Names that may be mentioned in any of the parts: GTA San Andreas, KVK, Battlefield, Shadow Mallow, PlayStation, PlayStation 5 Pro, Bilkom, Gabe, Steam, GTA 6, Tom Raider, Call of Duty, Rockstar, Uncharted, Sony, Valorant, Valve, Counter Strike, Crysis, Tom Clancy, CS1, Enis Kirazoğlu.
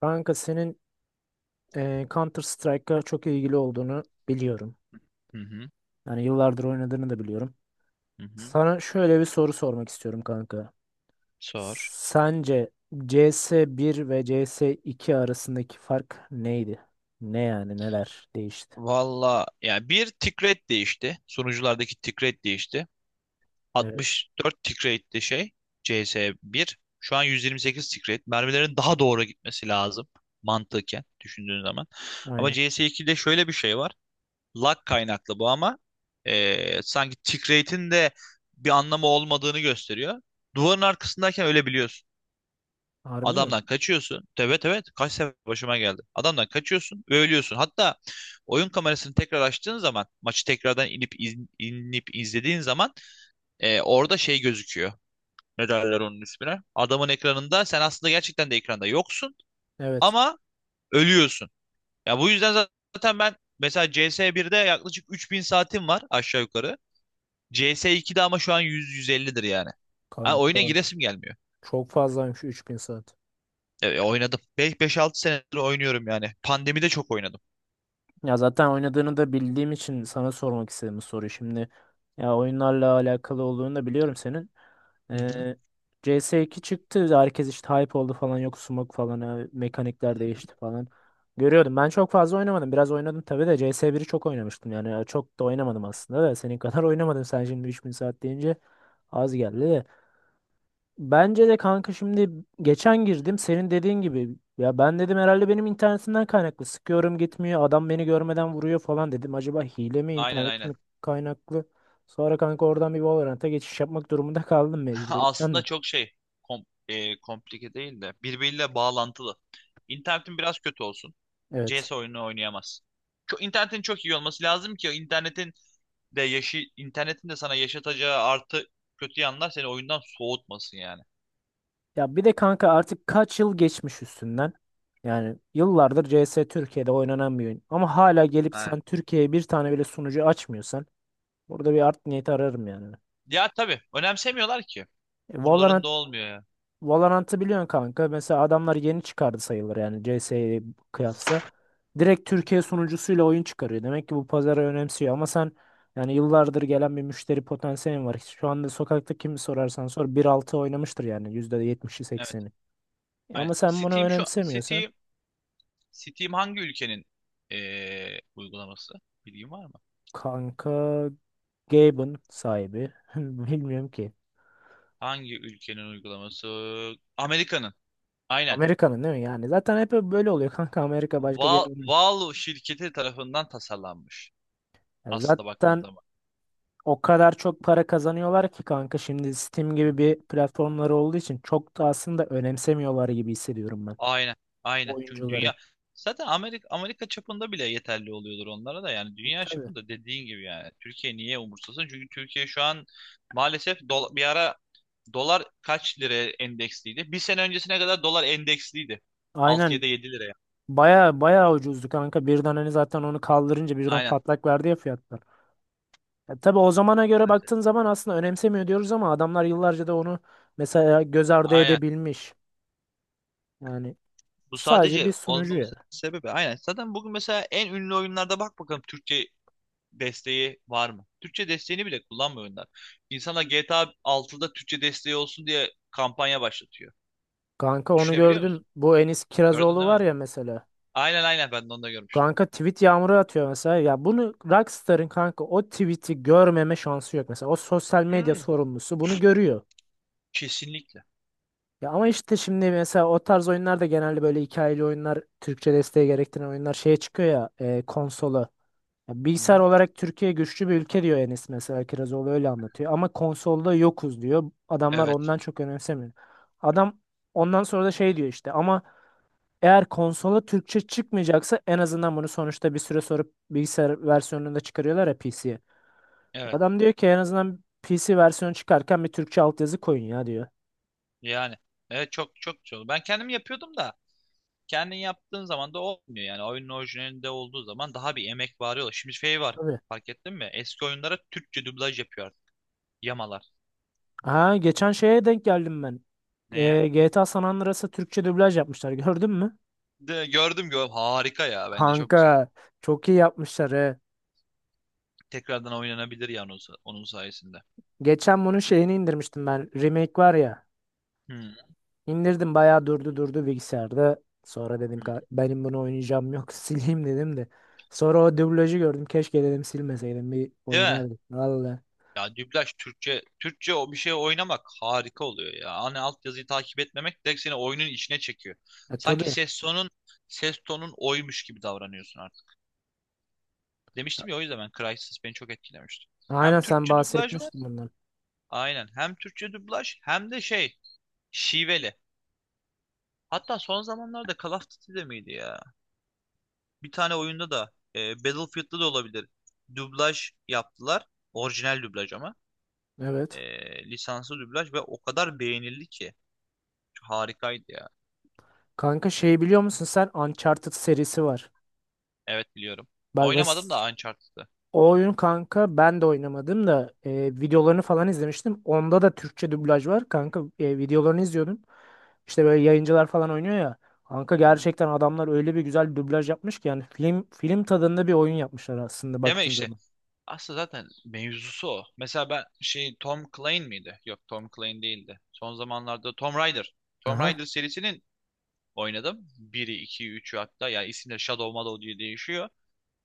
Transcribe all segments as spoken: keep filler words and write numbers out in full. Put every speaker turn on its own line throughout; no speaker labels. Kanka senin e, Counter Strike'a çok ilgili olduğunu biliyorum.
Hı hı,
Yani yıllardır oynadığını da biliyorum.
hı hı.
Sana şöyle bir soru sormak istiyorum kanka.
Sor.
Sence C S bir ve C S iki arasındaki fark neydi? Ne yani neler değişti?
Valla yani bir tick rate değişti. Sunuculardaki tick rate değişti.
Evet.
altmış dört tick rate'li şey cs bir. Şu an yüz yirmi sekiz tick rate. Mermilerin daha doğru gitmesi lazım. Mantıken düşündüğün zaman. Ama
Aynen.
cs ikide şöyle bir şey var. Lag kaynaklı bu ama eee, sanki tick rate'in de bir anlamı olmadığını gösteriyor. Duvarın arkasındayken ölebiliyorsun.
Harbi mi?
Adamdan kaçıyorsun. Evet, evet, kaç sefer başıma geldi. Adamdan kaçıyorsun ve ölüyorsun. Hatta oyun kamerasını tekrar açtığın zaman, maçı tekrardan inip iz- inip izlediğin zaman e, orada şey gözüküyor. Ne derler onun ismine? Adamın ekranında sen aslında gerçekten de ekranda yoksun
Evet.
ama ölüyorsun. Ya, bu yüzden zaten ben mesela C S bir'de yaklaşık üç bin saatim var aşağı yukarı. C S iki'de ama şu an yüz yüz ellidir yani. Ha, oyuna
Kanka
giresim gelmiyor.
çok fazlaymış üç bin saat.
E, oynadım. Beş altı senedir oynuyorum yani. Pandemide çok oynadım.
Ya zaten oynadığını da bildiğim için sana sormak istedim bu soruyu. Şimdi ya oyunlarla alakalı olduğunu da biliyorum senin.
Hı hı.
Ee, C S iki çıktı. Herkes işte hype oldu falan. Yok smoke falan. ha,
Hı
Mekanikler
hı.
değişti falan. Görüyordum. Ben çok fazla oynamadım. Biraz oynadım tabii de C S biri çok oynamıştım. Yani çok da oynamadım aslında da. Senin kadar oynamadım. Sen şimdi üç bin saat deyince az geldi de. Bence de kanka şimdi geçen girdim senin dediğin gibi, ya ben dedim herhalde benim internetimden kaynaklı, sıkıyorum gitmiyor, adam beni görmeden vuruyor falan dedim, acaba hile mi
Aynen,
internet mi
aynen.
kaynaklı. Sonra kanka oradan bir Valorant'a geçiş yapmak durumunda kaldım mecburiyetten
Aslında
de.
çok şey, kom e, komplike değil de birbiriyle bağlantılı. İnternetin biraz kötü olsun.
Evet,
C S oyununu oynayamaz. Çok, internetin çok iyi olması lazım ki internetin de yaşı, internetin de sana yaşatacağı artı kötü yanlar seni oyundan soğutmasın yani.
ya bir de kanka artık kaç yıl geçmiş üstünden. Yani yıllardır C S Türkiye'de oynanan bir oyun ama hala gelip
Ha.
sen Türkiye'ye bir tane bile sunucu açmıyorsan burada bir art niyeti ararım yani.
Ya tabii, önemsemiyorlar ki.
E, Valorant
Umurlarında olmuyor ya.
Valorant'ı biliyorsun kanka. Mesela adamlar yeni çıkardı sayılır yani C S'ye kıyasla. Direkt
Hı hı.
Türkiye sunucusuyla oyun çıkarıyor. Demek ki bu pazarı önemsiyor ama sen yani yıllardır gelen bir müşteri potansiyelin var. Şu anda sokakta kimi sorarsan sor bir altı oynamıştır yani yüzde yetmişi
Evet.
sekseni. E
Aynen.
Ama sen bunu
Steam, şu
önemsemiyorsan
Steam Steam hangi ülkenin eee, uygulaması? Bilgin var mı?
kanka, Gabe'ın sahibi bilmiyorum ki.
Hangi ülkenin uygulaması? Amerika'nın. Aynen.
Amerika'nın değil mi yani? Zaten hep böyle oluyor kanka, Amerika başka bir yer
Val
olmuyor.
Valve şirketi tarafından tasarlanmış.
Yani
Aslında baktığın
zaten
zaman.
o kadar çok para kazanıyorlar ki kanka, şimdi Steam
Hı
gibi
hı.
bir platformları olduğu için çok da aslında önemsemiyorlar gibi hissediyorum ben
Aynen. Aynen. Çünkü
oyuncuları.
dünya zaten Amerika Amerika çapında bile yeterli oluyordur onlara da, yani dünya
Tabii.
çapında dediğin gibi. Yani Türkiye niye umursasın? Çünkü Türkiye şu an maalesef dola- bir ara dolar kaç lira endeksliydi? Bir sene öncesine kadar dolar endeksliydi. altı ya
Aynen,
da yedi liraya.
baya baya ucuzdu kanka, birden hani zaten onu kaldırınca birden
Aynen.
patlak verdi ya fiyatlar. Ya tabii o zamana göre baktığın zaman aslında önemsemiyor diyoruz ama adamlar yıllarca da onu mesela göz ardı
Aynen.
edebilmiş. Yani
Bu
sadece bir
sadece
sunucu
olmaması
ya.
sebebi. Aynen. Zaten bugün mesela en ünlü oyunlarda bak bakalım, Türkçe desteği var mı? Türkçe desteğini bile kullanmıyor oyunlar. İnsanlar G T A altıda Türkçe desteği olsun diye kampanya başlatıyor.
Kanka onu
Düşünebiliyor
gördüm.
musun?
Bu Enis
Gördün
Kirazoğlu
değil
var
mi?
ya mesela.
Aynen, aynen, ben de onu da görmüştüm.
Kanka tweet yağmuru atıyor mesela. Ya bunu Rockstar'ın kanka, o tweet'i görmeme şansı yok. Mesela o sosyal medya
Hmm,
sorumlusu bunu görüyor.
kesinlikle.
Ya ama işte şimdi mesela o tarz oyunlar da, genelde böyle hikayeli oyunlar, Türkçe desteği gerektiren oyunlar şeye çıkıyor ya, e, konsola. Ya
Hı
bilgisayar
hı.
olarak Türkiye güçlü bir ülke diyor Enes mesela, Kirazoğlu öyle anlatıyor. Ama konsolda yokuz diyor. Adamlar
Evet.
ondan çok önemsemiyor. Adam ondan sonra da şey diyor işte, ama eğer konsola Türkçe çıkmayacaksa en azından bunu sonuçta bir süre sonra bilgisayar versiyonunda çıkarıyorlar ya P C'ye.
Evet.
Adam diyor ki, en azından P C versiyonu çıkarken bir Türkçe altyazı koyun ya diyor.
Yani. Evet, çok çok güzel. Ben kendim yapıyordum da, kendin yaptığın zaman da olmuyor. Yani oyunun orijinalinde olduğu zaman daha bir emek var. Şimdi şey var.
Tabii.
Fark ettin mi? Eski oyunlara Türkçe dublaj yapıyor artık. Yamalar.
Ha, geçen şeye denk geldim ben.
Neye?
Ee, G T A San Andreas'a Türkçe dublaj yapmışlar, gördün mü?
De gördüm, gördüm. Harika ya, bence çok
Kanka
güzel.
çok iyi yapmışlar he.
Tekrardan oynanabilir yani onun, sa- onun sayesinde.
Geçen bunun şeyini indirmiştim ben. Remake var ya.
Hmm.
İndirdim, bayağı durdu durdu bilgisayarda. Sonra dedim,
Hmm.
"Ka- benim bunu oynayacağım yok, sileyim" dedim de. Sonra o dublajı gördüm, keşke dedim silmeseydim, bir
Değil mi?
oynardık. Valla.
Ya dublaj, Türkçe Türkçe o bir şey oynamak harika oluyor ya. Hani altyazıyı takip etmemek direkt seni oyunun içine çekiyor.
E
Sanki
tabii.
ses tonun ses tonun oymuş gibi davranıyorsun artık. Demiştim ya, o yüzden ben Crysis beni çok etkilemişti. Hem
Aynen, sen
Türkçe dublaj var.
bahsetmiştin bundan.
Aynen. Hem Türkçe dublaj hem de şey, şiveli. Hatta son zamanlarda Call of Duty'de miydi ya? Bir tane oyunda da, e, Battlefield'da da olabilir. Dublaj yaptılar. Orijinal dublaj ama. E,
Evet.
lisanslı dublaj ve o kadar beğenildi ki. Harikaydı ya.
Kanka şey biliyor musun, sen Uncharted serisi var.
Evet, biliyorum.
Bak mes,
Oynamadım da Uncharted'ı.
o oyun kanka, ben de oynamadım da e, videolarını falan izlemiştim. Onda da Türkçe dublaj var kanka, e, videolarını izliyordum. İşte böyle yayıncılar falan oynuyor ya. Kanka
Hı hı.
gerçekten adamlar öyle bir güzel dublaj yapmış ki, yani film film tadında bir oyun yapmışlar aslında
Deme
baktığın
işte.
zaman.
Aslında zaten mevzusu o. Mesela ben şey, Tom Clancy miydi? Yok, Tom Clancy değildi. Son zamanlarda Tom Raider. Tom
Aha,
Raider serisinin oynadım, biri, ikiyi, üçü hatta. Yani isimleri Shadow Mallow diye değişiyor.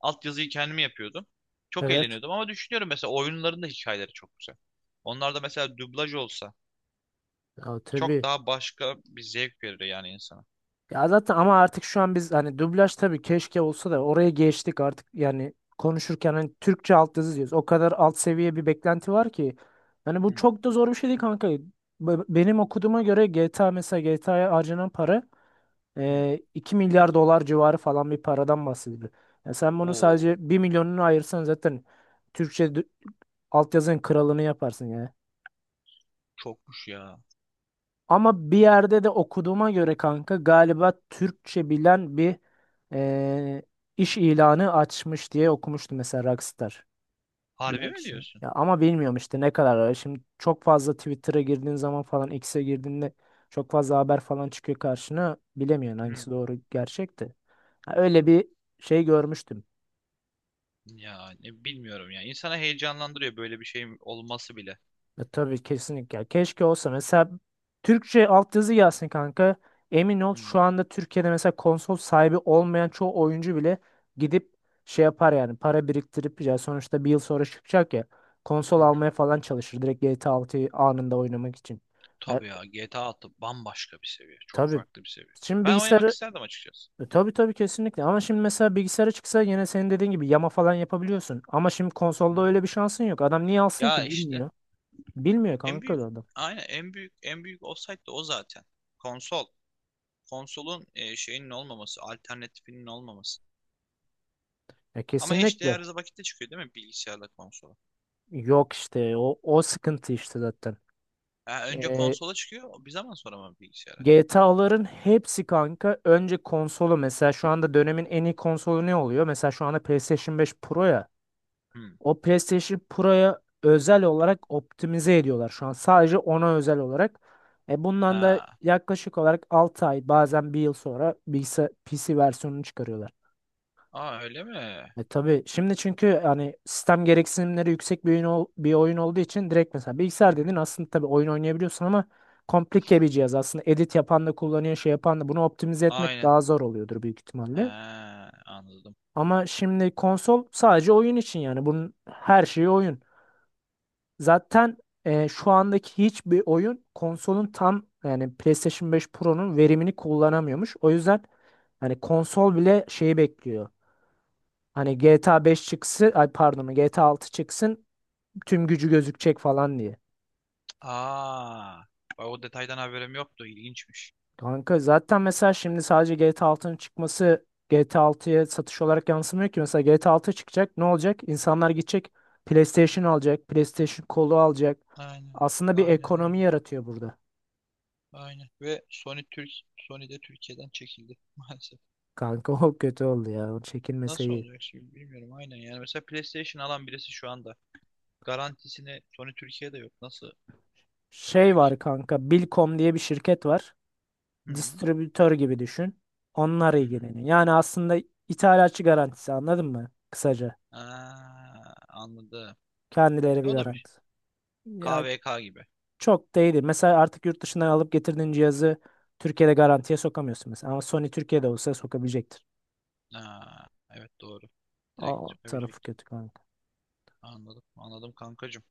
Altyazıyı kendimi yapıyordum. Çok
evet.
eğleniyordum ama düşünüyorum, mesela oyunların da hikayeleri çok güzel. Onlar da mesela dublaj olsa
Ya
çok
tabii.
daha başka bir zevk verir yani insana.
Ya zaten ama artık şu an biz hani dublaj, tabii keşke olsa da, oraya geçtik artık yani, konuşurken hani Türkçe altyazı diyoruz. O kadar alt seviye bir beklenti var ki. Yani bu
Hmm.
çok da zor bir şey değil kanka. Be- Benim okuduğuma göre G T A, mesela G T A'ya harcanan para
Hmm.
e, iki milyar dolar civarı falan bir paradan bahsediyor. Yani sen bunu
Oo,
sadece bir milyonunu ayırsan zaten Türkçe dü- altyazının kralını yaparsın ya.
çokmuş ya.
Ama bir yerde de okuduğuma göre kanka, galiba Türkçe bilen bir e, iş ilanı açmış diye okumuştum mesela Rockstar.
Harbi
Bilen
mi
kişi.
diyorsun?
Ya ama bilmiyorum işte ne kadar ara. Şimdi çok fazla Twitter'a girdiğin zaman falan, X'e girdiğinde çok fazla haber falan çıkıyor karşına. Bilemiyorsun
Hmm.
hangisi doğru, gerçekti. Öyle bir şey görmüştüm.
Ya, ne bilmiyorum ya. İnsana heyecanlandırıyor böyle bir şeyin olması bile.
E, tabii kesinlikle. Ya keşke olsa mesela, Türkçe altyazı gelsin kanka. Emin ol
Hı
şu
hı.
anda Türkiye'de mesela konsol sahibi olmayan çoğu oyuncu bile gidip şey yapar yani, para biriktirip, ya sonuçta bir yıl sonra çıkacak ya, konsol
Hı hı.
almaya falan çalışır direkt G T A altıyı anında oynamak için.
Tabii ya, G T A altı bambaşka bir seviye. Çok
Tabii.
farklı bir seviye.
Şimdi
Ben oynamak
bilgisayarı
isterdim açıkçası.
e, tabii tabii kesinlikle, ama şimdi mesela bilgisayara çıksa yine senin dediğin gibi yama falan yapabiliyorsun. Ama şimdi
Hı.
konsolda öyle bir şansın yok. Adam niye alsın
Ya
ki,
işte
bilmiyor. Bilmiyor
en
kanka
büyük,
adam.
aynen, en büyük en büyük olsaydı o zaten. Konsol. Konsolun e, şeyinin olmaması, alternatifinin olmaması.
E,
Ama eşdeğer
kesinlikle.
vakitte çıkıyor değil mi bilgisayarla konsola?
Yok işte o, o sıkıntı işte zaten.
Ha, önce
E,
konsola çıkıyor, bir zaman sonra mı bilgisayara?
G T A'ların hepsi kanka önce konsolu, mesela şu anda dönemin en iyi konsolu ne oluyor? Mesela şu anda PlayStation beş Pro ya.
Hmm.
O PlayStation Pro'ya özel olarak optimize ediyorlar şu an. Sadece ona özel olarak. E bundan da
Ha.
yaklaşık olarak altı ay, bazen bir yıl sonra bilgisayar P C versiyonunu çıkarıyorlar.
Aa, öyle mi?
E tabii şimdi, çünkü hani sistem gereksinimleri yüksek bir oyun, ol- bir oyun olduğu için, direkt mesela
Hı
bilgisayar dedin,
hı.
aslında tabii oyun oynayabiliyorsun ama komplike bir cihaz aslında, edit yapan da kullanıyor, şey yapan da. Bunu optimize etmek
Aynen.
daha zor oluyordur büyük ihtimalle.
Ha, anladım.
Ama şimdi konsol sadece oyun için, yani bunun her şeyi oyun. Zaten e, şu andaki hiçbir oyun konsolun tam yani PlayStation beş Pro'nun verimini kullanamıyormuş. O yüzden hani konsol bile şeyi bekliyor. Hani G T A beş çıksın, ay pardon, G T A altı çıksın, tüm gücü gözükecek falan diye.
Aa. Bak, o detaydan haberim yoktu. İlginçmiş.
Kanka zaten mesela şimdi sadece G T A altının çıkması G T A altıya satış olarak yansımıyor ki. Mesela G T A altı çıkacak, ne olacak? İnsanlar gidecek PlayStation alacak, PlayStation kolu alacak.
Aynen.
Aslında bir
Aynen,
ekonomi
aynen.
yaratıyor burada.
Aynen. Ve Sony Türk Sony de Türkiye'den çekildi maalesef.
Kanka o kötü oldu ya. O çekilmese
Nasıl
iyi.
olacak şimdi bilmiyorum, aynen. Yani mesela PlayStation alan birisi şu anda garantisini Sony Türkiye'de yok. Nasıl
Şey
yapıyor ki?
var kanka. Bilkom diye bir şirket var.
Hı hı.
Distribütör gibi düşün. Onlar
Hı hı.
ilgileniyor. Yani aslında ithalatçı garantisi, anladın mı, kısaca.
Aa, anladım.
Kendileri
E,
bir
o da bir
garanti. Ya
K V K gibi.
çok değil. Mesela artık yurt dışından alıp getirdiğin cihazı Türkiye'de garantiye sokamıyorsun mesela. Ama Sony Türkiye'de olsa sokabilecektir.
Aa, evet, doğru.
Aa,
Direkt
o tarafı
çıkabilecek.
kötü kanka.
Anladım. Anladım, kankacığım.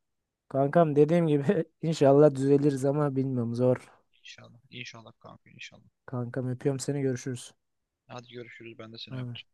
Kankam dediğim gibi inşallah düzeliriz ama bilmiyorum, zor.
İnşallah. İnşallah kanka, inşallah.
Kankam öpüyorum seni, görüşürüz.
Hadi görüşürüz. Ben de seni
Bay
öptüm.
bay.